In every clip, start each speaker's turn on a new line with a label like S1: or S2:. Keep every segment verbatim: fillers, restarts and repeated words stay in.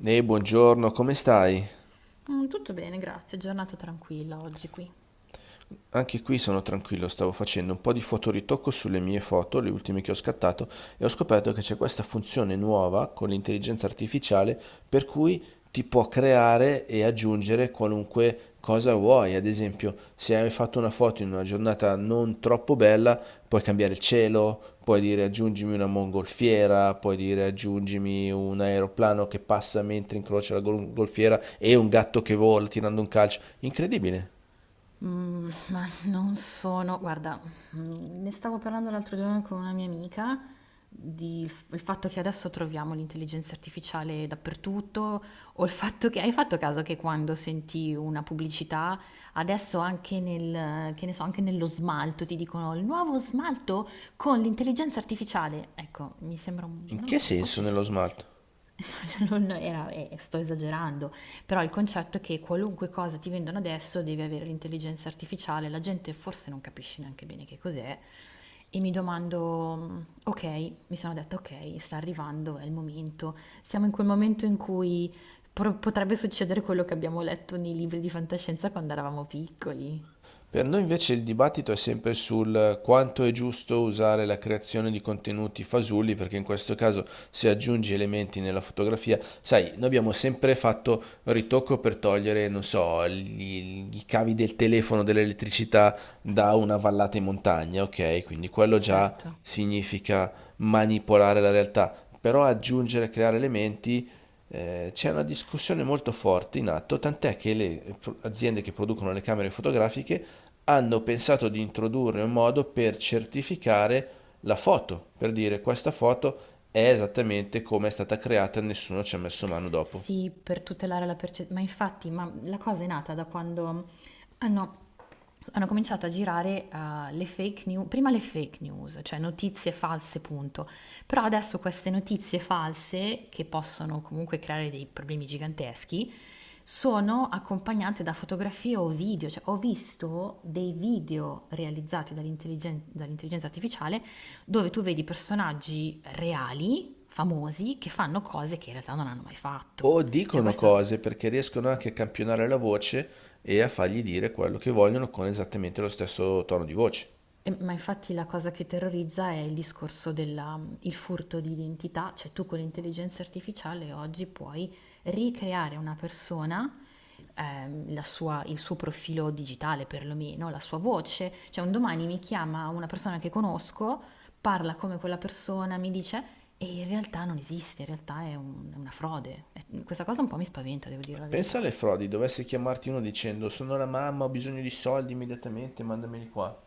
S1: Ehi, buongiorno, come stai?
S2: Mm, tutto bene, grazie. Giornata tranquilla oggi qui.
S1: Anche qui sono tranquillo, stavo facendo un po' di fotoritocco sulle mie foto, le ultime che ho scattato, e ho scoperto che c'è questa funzione nuova con l'intelligenza artificiale per cui ti può creare e aggiungere qualunque cosa vuoi. Ad esempio, se hai fatto una foto in una giornata non troppo bella, puoi cambiare il cielo, puoi dire aggiungimi una mongolfiera, puoi dire aggiungimi un aeroplano che passa mentre incrocia la gol- golfiera e un gatto che vola tirando un calcio. Incredibile.
S2: Mm, ma non sono... Guarda, mm, ne stavo parlando l'altro giorno con una mia amica di il fatto che adesso troviamo l'intelligenza artificiale dappertutto, o il fatto che hai fatto caso che quando senti una pubblicità, adesso anche nel, che ne so, anche nello smalto ti dicono il nuovo smalto con l'intelligenza artificiale. Ecco, mi sembra un,
S1: In
S2: non lo
S1: che
S2: so, un po'
S1: senso nello
S2: eccessivo.
S1: smalto?
S2: Cioè, non era eh, sto esagerando, però il concetto è che qualunque cosa ti vendono adesso devi avere l'intelligenza artificiale, la gente forse non capisce neanche bene che cos'è e mi domando, mm, ok, mi sono detta ok, sta arrivando, è il momento, siamo in quel momento in cui pro- potrebbe succedere quello che abbiamo letto nei libri di fantascienza quando eravamo piccoli,
S1: Per noi invece il dibattito è sempre sul quanto è giusto usare la creazione di contenuti fasulli, perché in questo caso se aggiungi elementi nella fotografia, sai, noi abbiamo sempre fatto ritocco per togliere, non so, gli- i cavi del telefono, dell'elettricità da una vallata in montagna, ok? Quindi quello già
S2: certo.
S1: significa manipolare la realtà, però aggiungere, creare elementi. Eh, c'è una discussione molto forte in atto, tant'è che le pro- aziende che producono le camere fotografiche hanno pensato di introdurre un modo per certificare la foto, per dire questa foto è esattamente come è stata creata, nessuno ci ha messo mano dopo.
S2: Sì, per tutelare la perce ma infatti, ma la cosa è nata da quando hanno hanno cominciato a girare, uhm, le fake new prima le fake news, cioè notizie false, punto. Però adesso queste notizie false, che possono comunque creare dei problemi giganteschi, sono accompagnate da fotografie o video, cioè ho visto dei video realizzati dall'intelligen dall'intelligenza artificiale, dove tu vedi personaggi reali famosi che fanno cose che in realtà non hanno mai fatto.
S1: O
S2: Cioè
S1: dicono
S2: questo,
S1: cose perché riescono anche a campionare la voce e a fargli dire quello che vogliono con esattamente lo stesso tono di voce.
S2: e- ma infatti la cosa che terrorizza è il discorso del furto di identità, cioè tu con l'intelligenza artificiale oggi puoi ricreare una persona, ehm, la sua- il suo profilo digitale perlomeno, la sua voce, cioè un domani mi chiama una persona che conosco, parla come quella persona, mi dice... E in realtà non esiste, in realtà è, un- è una frode. E questa cosa un po' mi spaventa, devo dire la
S1: Pensa
S2: verità.
S1: alle frodi, dovesse chiamarti uno dicendo sono la mamma, ho bisogno di soldi immediatamente, mandameli qua.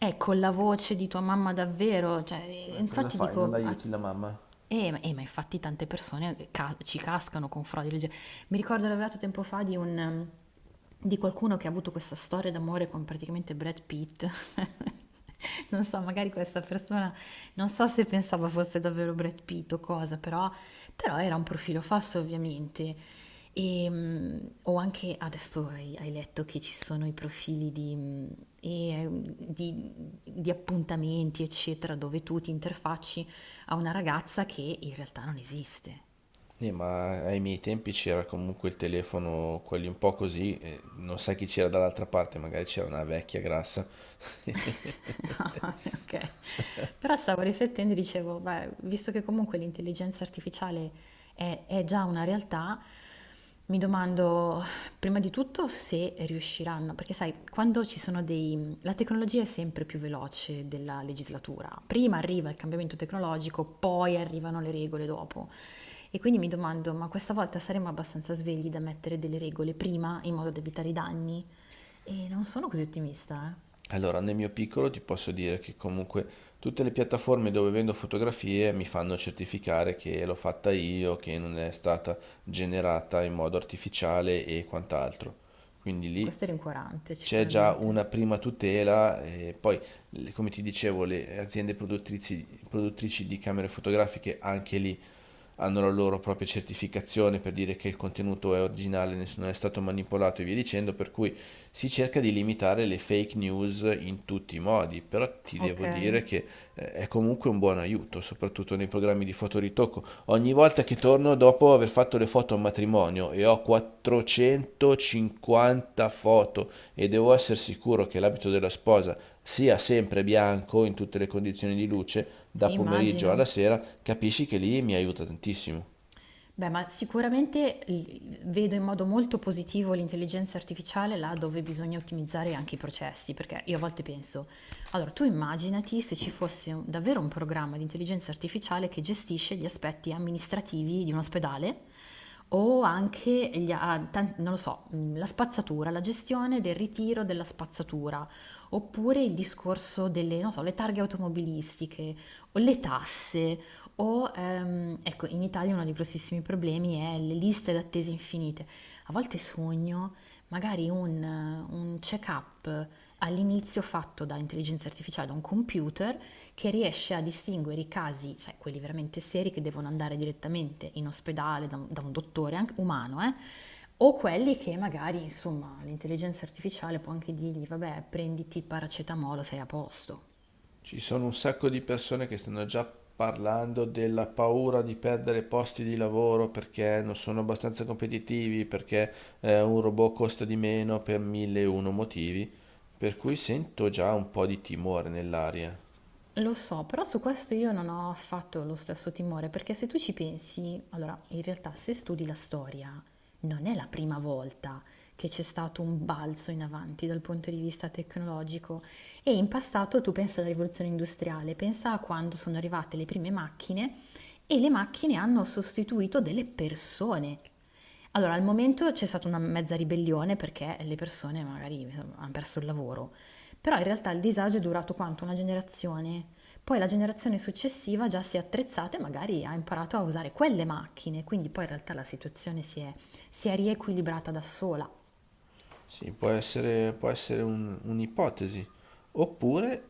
S2: Eh, con la voce di tua mamma davvero, cioè, ehm,
S1: Eh, cosa
S2: infatti
S1: fai? Non
S2: dico a
S1: aiuti la mamma?
S2: eh, ma eh, ma infatti tante persone ca ci cascano con frodi legge. Mi ricordo ho lavorato tempo fa di un ehm, di qualcuno che ha avuto questa storia d'amore con praticamente Brad Pitt. Non so, magari questa persona, non so se pensava fosse davvero Brad Pitt o cosa, però però era un profilo falso ovviamente. Ehm, o anche adesso hai hai letto che ci sono i profili di mhmm, ehm, di di appuntamenti eccetera, dove tu ti interfacci a una ragazza che in realtà non esiste.
S1: Eh, ma ai miei tempi c'era comunque il telefono, quelli un po' così, eh, non sai chi c'era dall'altra parte, magari c'era una vecchia grassa.
S2: Ah, vabbè, ok. Però stavo riflettendo e dicevo, beh, visto che comunque l'intelligenza artificiale è, è già una realtà, mi domando prima di tutto se riusciranno, perché sai, quando ci sono dei... La tecnologia è sempre più veloce della legislatura. Prima arriva il cambiamento tecnologico, poi arrivano le regole dopo. E quindi mi domando, ma questa volta saremo abbastanza svegli da mettere delle regole prima in modo da evitare i danni? E non sono così ottimista, eh.
S1: Allora, nel mio piccolo ti posso dire che comunque tutte le piattaforme dove vendo fotografie mi fanno certificare che l'ho fatta io, che non è stata generata in modo artificiale e quant'altro. Quindi
S2: E
S1: lì
S2: questo è rincuorante
S1: c'è già
S2: sicuramente.
S1: una prima tutela e poi, l- come ti dicevo, le aziende produttrici, produttrici di camere fotografiche anche lì hanno la loro propria certificazione per dire che il contenuto è originale, nessuno è stato manipolato e via dicendo, per cui si cerca di limitare le fake news in tutti i modi, però ti devo
S2: Okay,
S1: dire che eh, è comunque un buon aiuto, soprattutto nei programmi di fotoritocco. Ogni volta che torno dopo aver fatto le foto a un matrimonio e ho quattrocentocinquanta foto e devo essere sicuro che l'abito della sposa sia sempre bianco in tutte le condizioni di luce, da
S2: sì,
S1: pomeriggio alla
S2: immagino.
S1: sera, capisci che lì mi aiuta tantissimo.
S2: Beh, ma sicuramente l- vedo in modo molto positivo l'intelligenza artificiale là dove bisogna ottimizzare anche i processi, perché io a volte penso, allora tu immaginati se ci fosse un- davvero un programma di intelligenza artificiale che gestisce gli aspetti amministrativi di un ospedale o anche gli a- tan- non lo so, mh, la spazzatura, la gestione del ritiro della spazzatura, oppure il discorso delle, non so, le targhe automobilistiche o le tasse. O, ehm, ecco, in Italia uno dei grossissimi problemi è le liste d'attesa infinite. A volte sogno magari un, un check-up all'inizio fatto da intelligenza artificiale, da un computer, che riesce a distinguere i casi, sai, quelli veramente seri che devono andare direttamente in ospedale da un, da un dottore anche umano, eh, o quelli che magari, insomma, l'intelligenza artificiale può anche dirgli, vabbè, prenditi paracetamolo, sei a posto.
S1: Ci sono un sacco di persone che stanno già parlando della paura di perdere posti di lavoro perché non sono abbastanza competitivi, perché eh, un robot costa di meno per mille e uno motivi, per cui sento già un po' di timore nell'aria.
S2: Lo so, però su questo io non ho affatto lo stesso timore, perché se tu ci pensi, allora in realtà se studi la storia, non è la prima volta che c'è stato un balzo in avanti dal punto di vista tecnologico e in passato tu pensa alla rivoluzione industriale, pensa a quando sono arrivate le prime macchine e le macchine hanno sostituito delle persone allora, al momento c'è stata una mezza ribellione perché le persone magari insomma, hanno perso il lavoro, però in realtà il disagio è durato quanto? Una generazione. Poi la generazione successiva già si è attrezzata e magari ha imparato a usare quelle macchine, quindi poi in realtà la situazione si è, si è riequilibrata da sola.
S1: Sì, può essere, può essere un- un'ipotesi. Oppure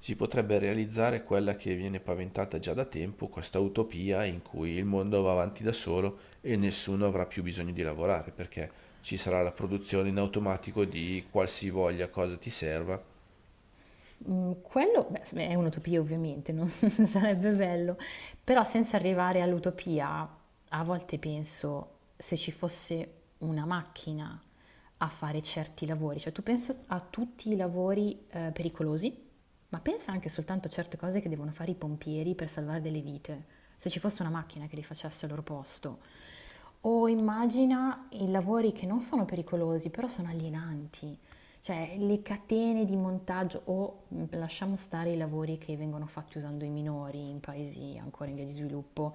S1: si potrebbe realizzare quella che viene paventata già da tempo, questa utopia in cui il mondo va avanti da solo e nessuno avrà più bisogno di lavorare, perché ci sarà la produzione in automatico di qualsivoglia cosa ti serva.
S2: Mhmm, quello beh, s è un'utopia ovviamente, non sarebbe bello, però senza arrivare all'utopia, a volte penso se ci fosse una macchina a fare certi lavori, cioè tu pensa a tutti i lavori, ehm, pericolosi, ma pensa anche soltanto a certe cose che devono fare i pompieri per salvare delle vite. Se ci fosse una macchina che li facesse al loro posto. O immagina i lavori che non sono pericolosi, però sono alienanti. Cioè, le catene di montaggio o mh, lasciamo stare i lavori che vengono fatti usando i minori in paesi ancora in via di sviluppo.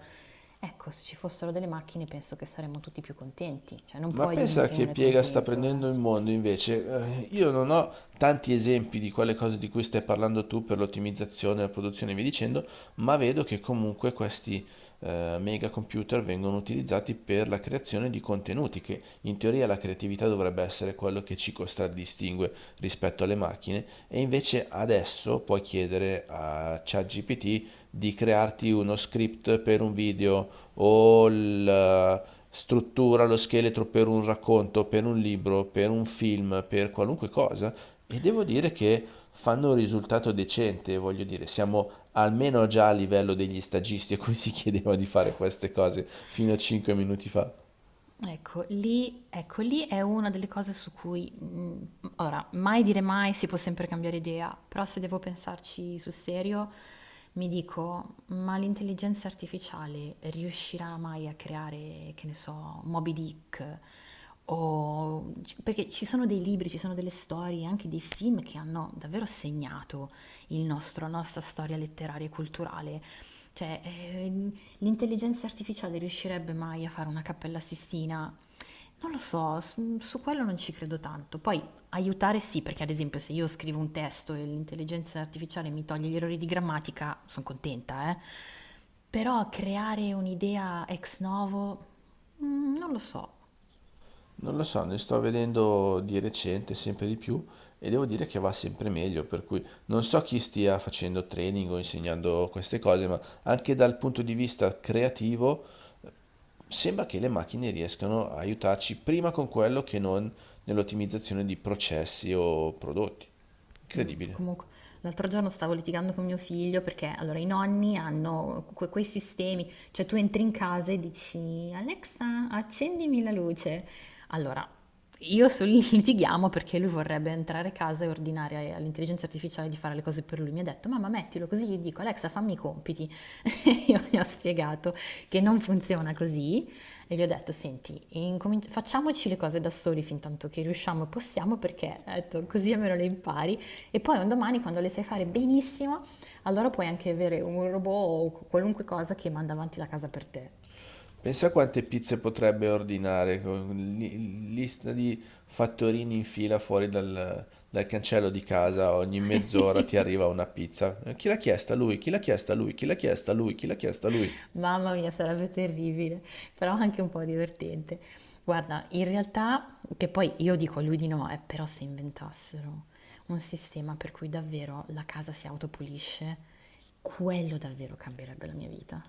S2: Ecco, se ci fossero delle macchine penso che saremmo tutti più contenti. Cioè, non
S1: Ma
S2: puoi dirmi
S1: pensa
S2: che
S1: che
S2: uno è
S1: piega sta
S2: contento,
S1: prendendo il
S2: eh.
S1: mondo invece. Eh, Io non ho tanti esempi di quelle cose di cui stai parlando tu per l'ottimizzazione, la produzione e via dicendo, ma vedo che comunque questi eh, mega computer vengono utilizzati per la creazione di contenuti, che in teoria la creatività dovrebbe essere quello che ci contraddistingue rispetto alle macchine, e invece adesso puoi chiedere a ChatGPT di crearti uno script per un video o la struttura, lo scheletro per un racconto, per un libro, per un film, per qualunque cosa, e devo dire che fanno un risultato decente, voglio dire, siamo almeno già a livello degli stagisti a cui si chiedeva di fare queste cose fino a cinque minuti fa.
S2: Ecco, lì ecco, lì è una delle cose su cui, mhmm, ora, mai dire mai, si può sempre cambiare idea, però se devo pensarci sul serio, mi dico: "Ma l'intelligenza artificiale riuscirà mai a creare, che ne so, Moby Dick?" O c perché ci sono dei libri, ci sono delle storie, anche dei film che hanno davvero segnato il nostro la nostra storia letteraria e culturale. Cioè, ehm l'intelligenza artificiale riuscirebbe mai a fare una Cappella Sistina? Non lo so, su, su quello non ci credo tanto. Poi aiutare sì, perché ad esempio se io scrivo un testo e l'intelligenza artificiale mi toglie gli errori di grammatica, sono contenta, eh. Però creare un'idea ex novo, mm, non lo so.
S1: Non lo so, ne sto vedendo di recente sempre di più e devo dire che va sempre meglio, per cui non so chi stia facendo training o insegnando queste cose, ma anche dal punto di vista creativo eh, sembra che le macchine riescano a aiutarci prima con quello che non nell'ottimizzazione di processi o prodotti.
S2: Mh,
S1: Incredibile.
S2: comunque l'altro giorno stavo litigando con mio figlio perché allora i nonni hanno que quei sistemi, cioè tu entri in casa e dici Alexa, accendimi la luce. Allora, io sul litighiamo perché lui vorrebbe entrare a casa e ordinare all'intelligenza artificiale di fare le cose per lui. Mi ha detto, mamma mettilo così, gli dico Alexa fammi i compiti. E io gli ho spiegato che non funziona così e gli ho detto, senti, incomin- facciamoci le cose da soli fin tanto che riusciamo e possiamo perché ho detto, così almeno le impari. E poi un domani, quando le sai fare benissimo, allora puoi anche avere un robot o qualunque cosa che manda avanti la casa per te.
S1: Pensa quante pizze potrebbe ordinare, con li- lista di fattorini in fila fuori dal, dal cancello di casa, ogni mezz'ora ti arriva una pizza. Eh, Chi l'ha chiesta? Lui. Chi l'ha chiesta? Lui. Chi l'ha chiesta? Lui. Chi l'ha chiesta? Lui.
S2: Mamma mia, sarebbe terribile, però anche un po' divertente. Guarda, in realtà, che poi io dico a lui di no, eh, però se inventassero un sistema per cui davvero la casa si autopulisce, quello davvero cambierebbe la mia vita.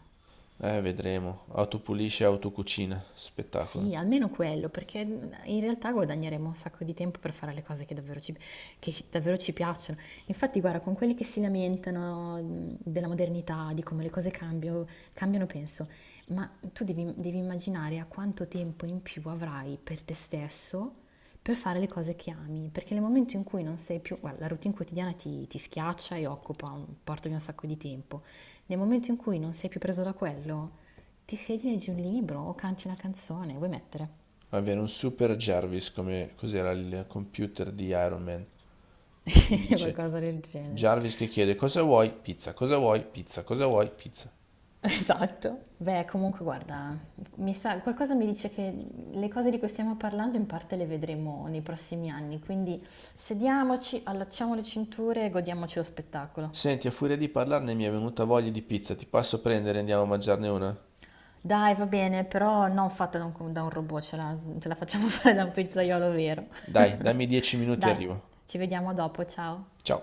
S1: Eh, vedremo. Autopulisce, autocucina. Spettacolo.
S2: Sì, almeno quello, perché in realtà guadagneremo un sacco di tempo per fare le cose che davvero ci, che ci- davvero ci piacciono. Infatti, guarda, con quelli che si lamentano mh, della modernità, di come le cose cambio- cambiano, penso, ma tu devi, devi immaginare a quanto tempo in più avrai per te stesso per fare le cose che ami, perché nel momento in cui non sei più, guarda, la routine quotidiana ti, ti schiaccia e occupa un, porta via un sacco di tempo. Nel momento in cui non sei più preso da quello, ti siedi, leggi un libro o canti una canzone, vuoi mettere?
S1: Avere un super Jarvis, come cos'era il computer di Iron Man, che ti dice.
S2: Qualcosa del genere.
S1: Jarvis che chiede: cosa vuoi? Pizza. Cosa vuoi? Pizza. Cosa vuoi? Pizza.
S2: Esatto. Beh, comunque guarda, mi sa, qualcosa mi dice che le cose di cui stiamo parlando in parte le vedremo nei prossimi anni, quindi sediamoci, allacciamo le cinture e godiamoci lo spettacolo.
S1: Senti, a furia di parlarne mi è venuta voglia di pizza. Ti passo a prendere e andiamo a mangiarne una?
S2: Dai, va bene, però non fatta da un, da un robot, ce la, ce la facciamo fare da un pizzaiolo vero.
S1: Dai, dammi dieci minuti e
S2: Dai,
S1: arrivo.
S2: ci vediamo dopo, ciao.
S1: Ciao.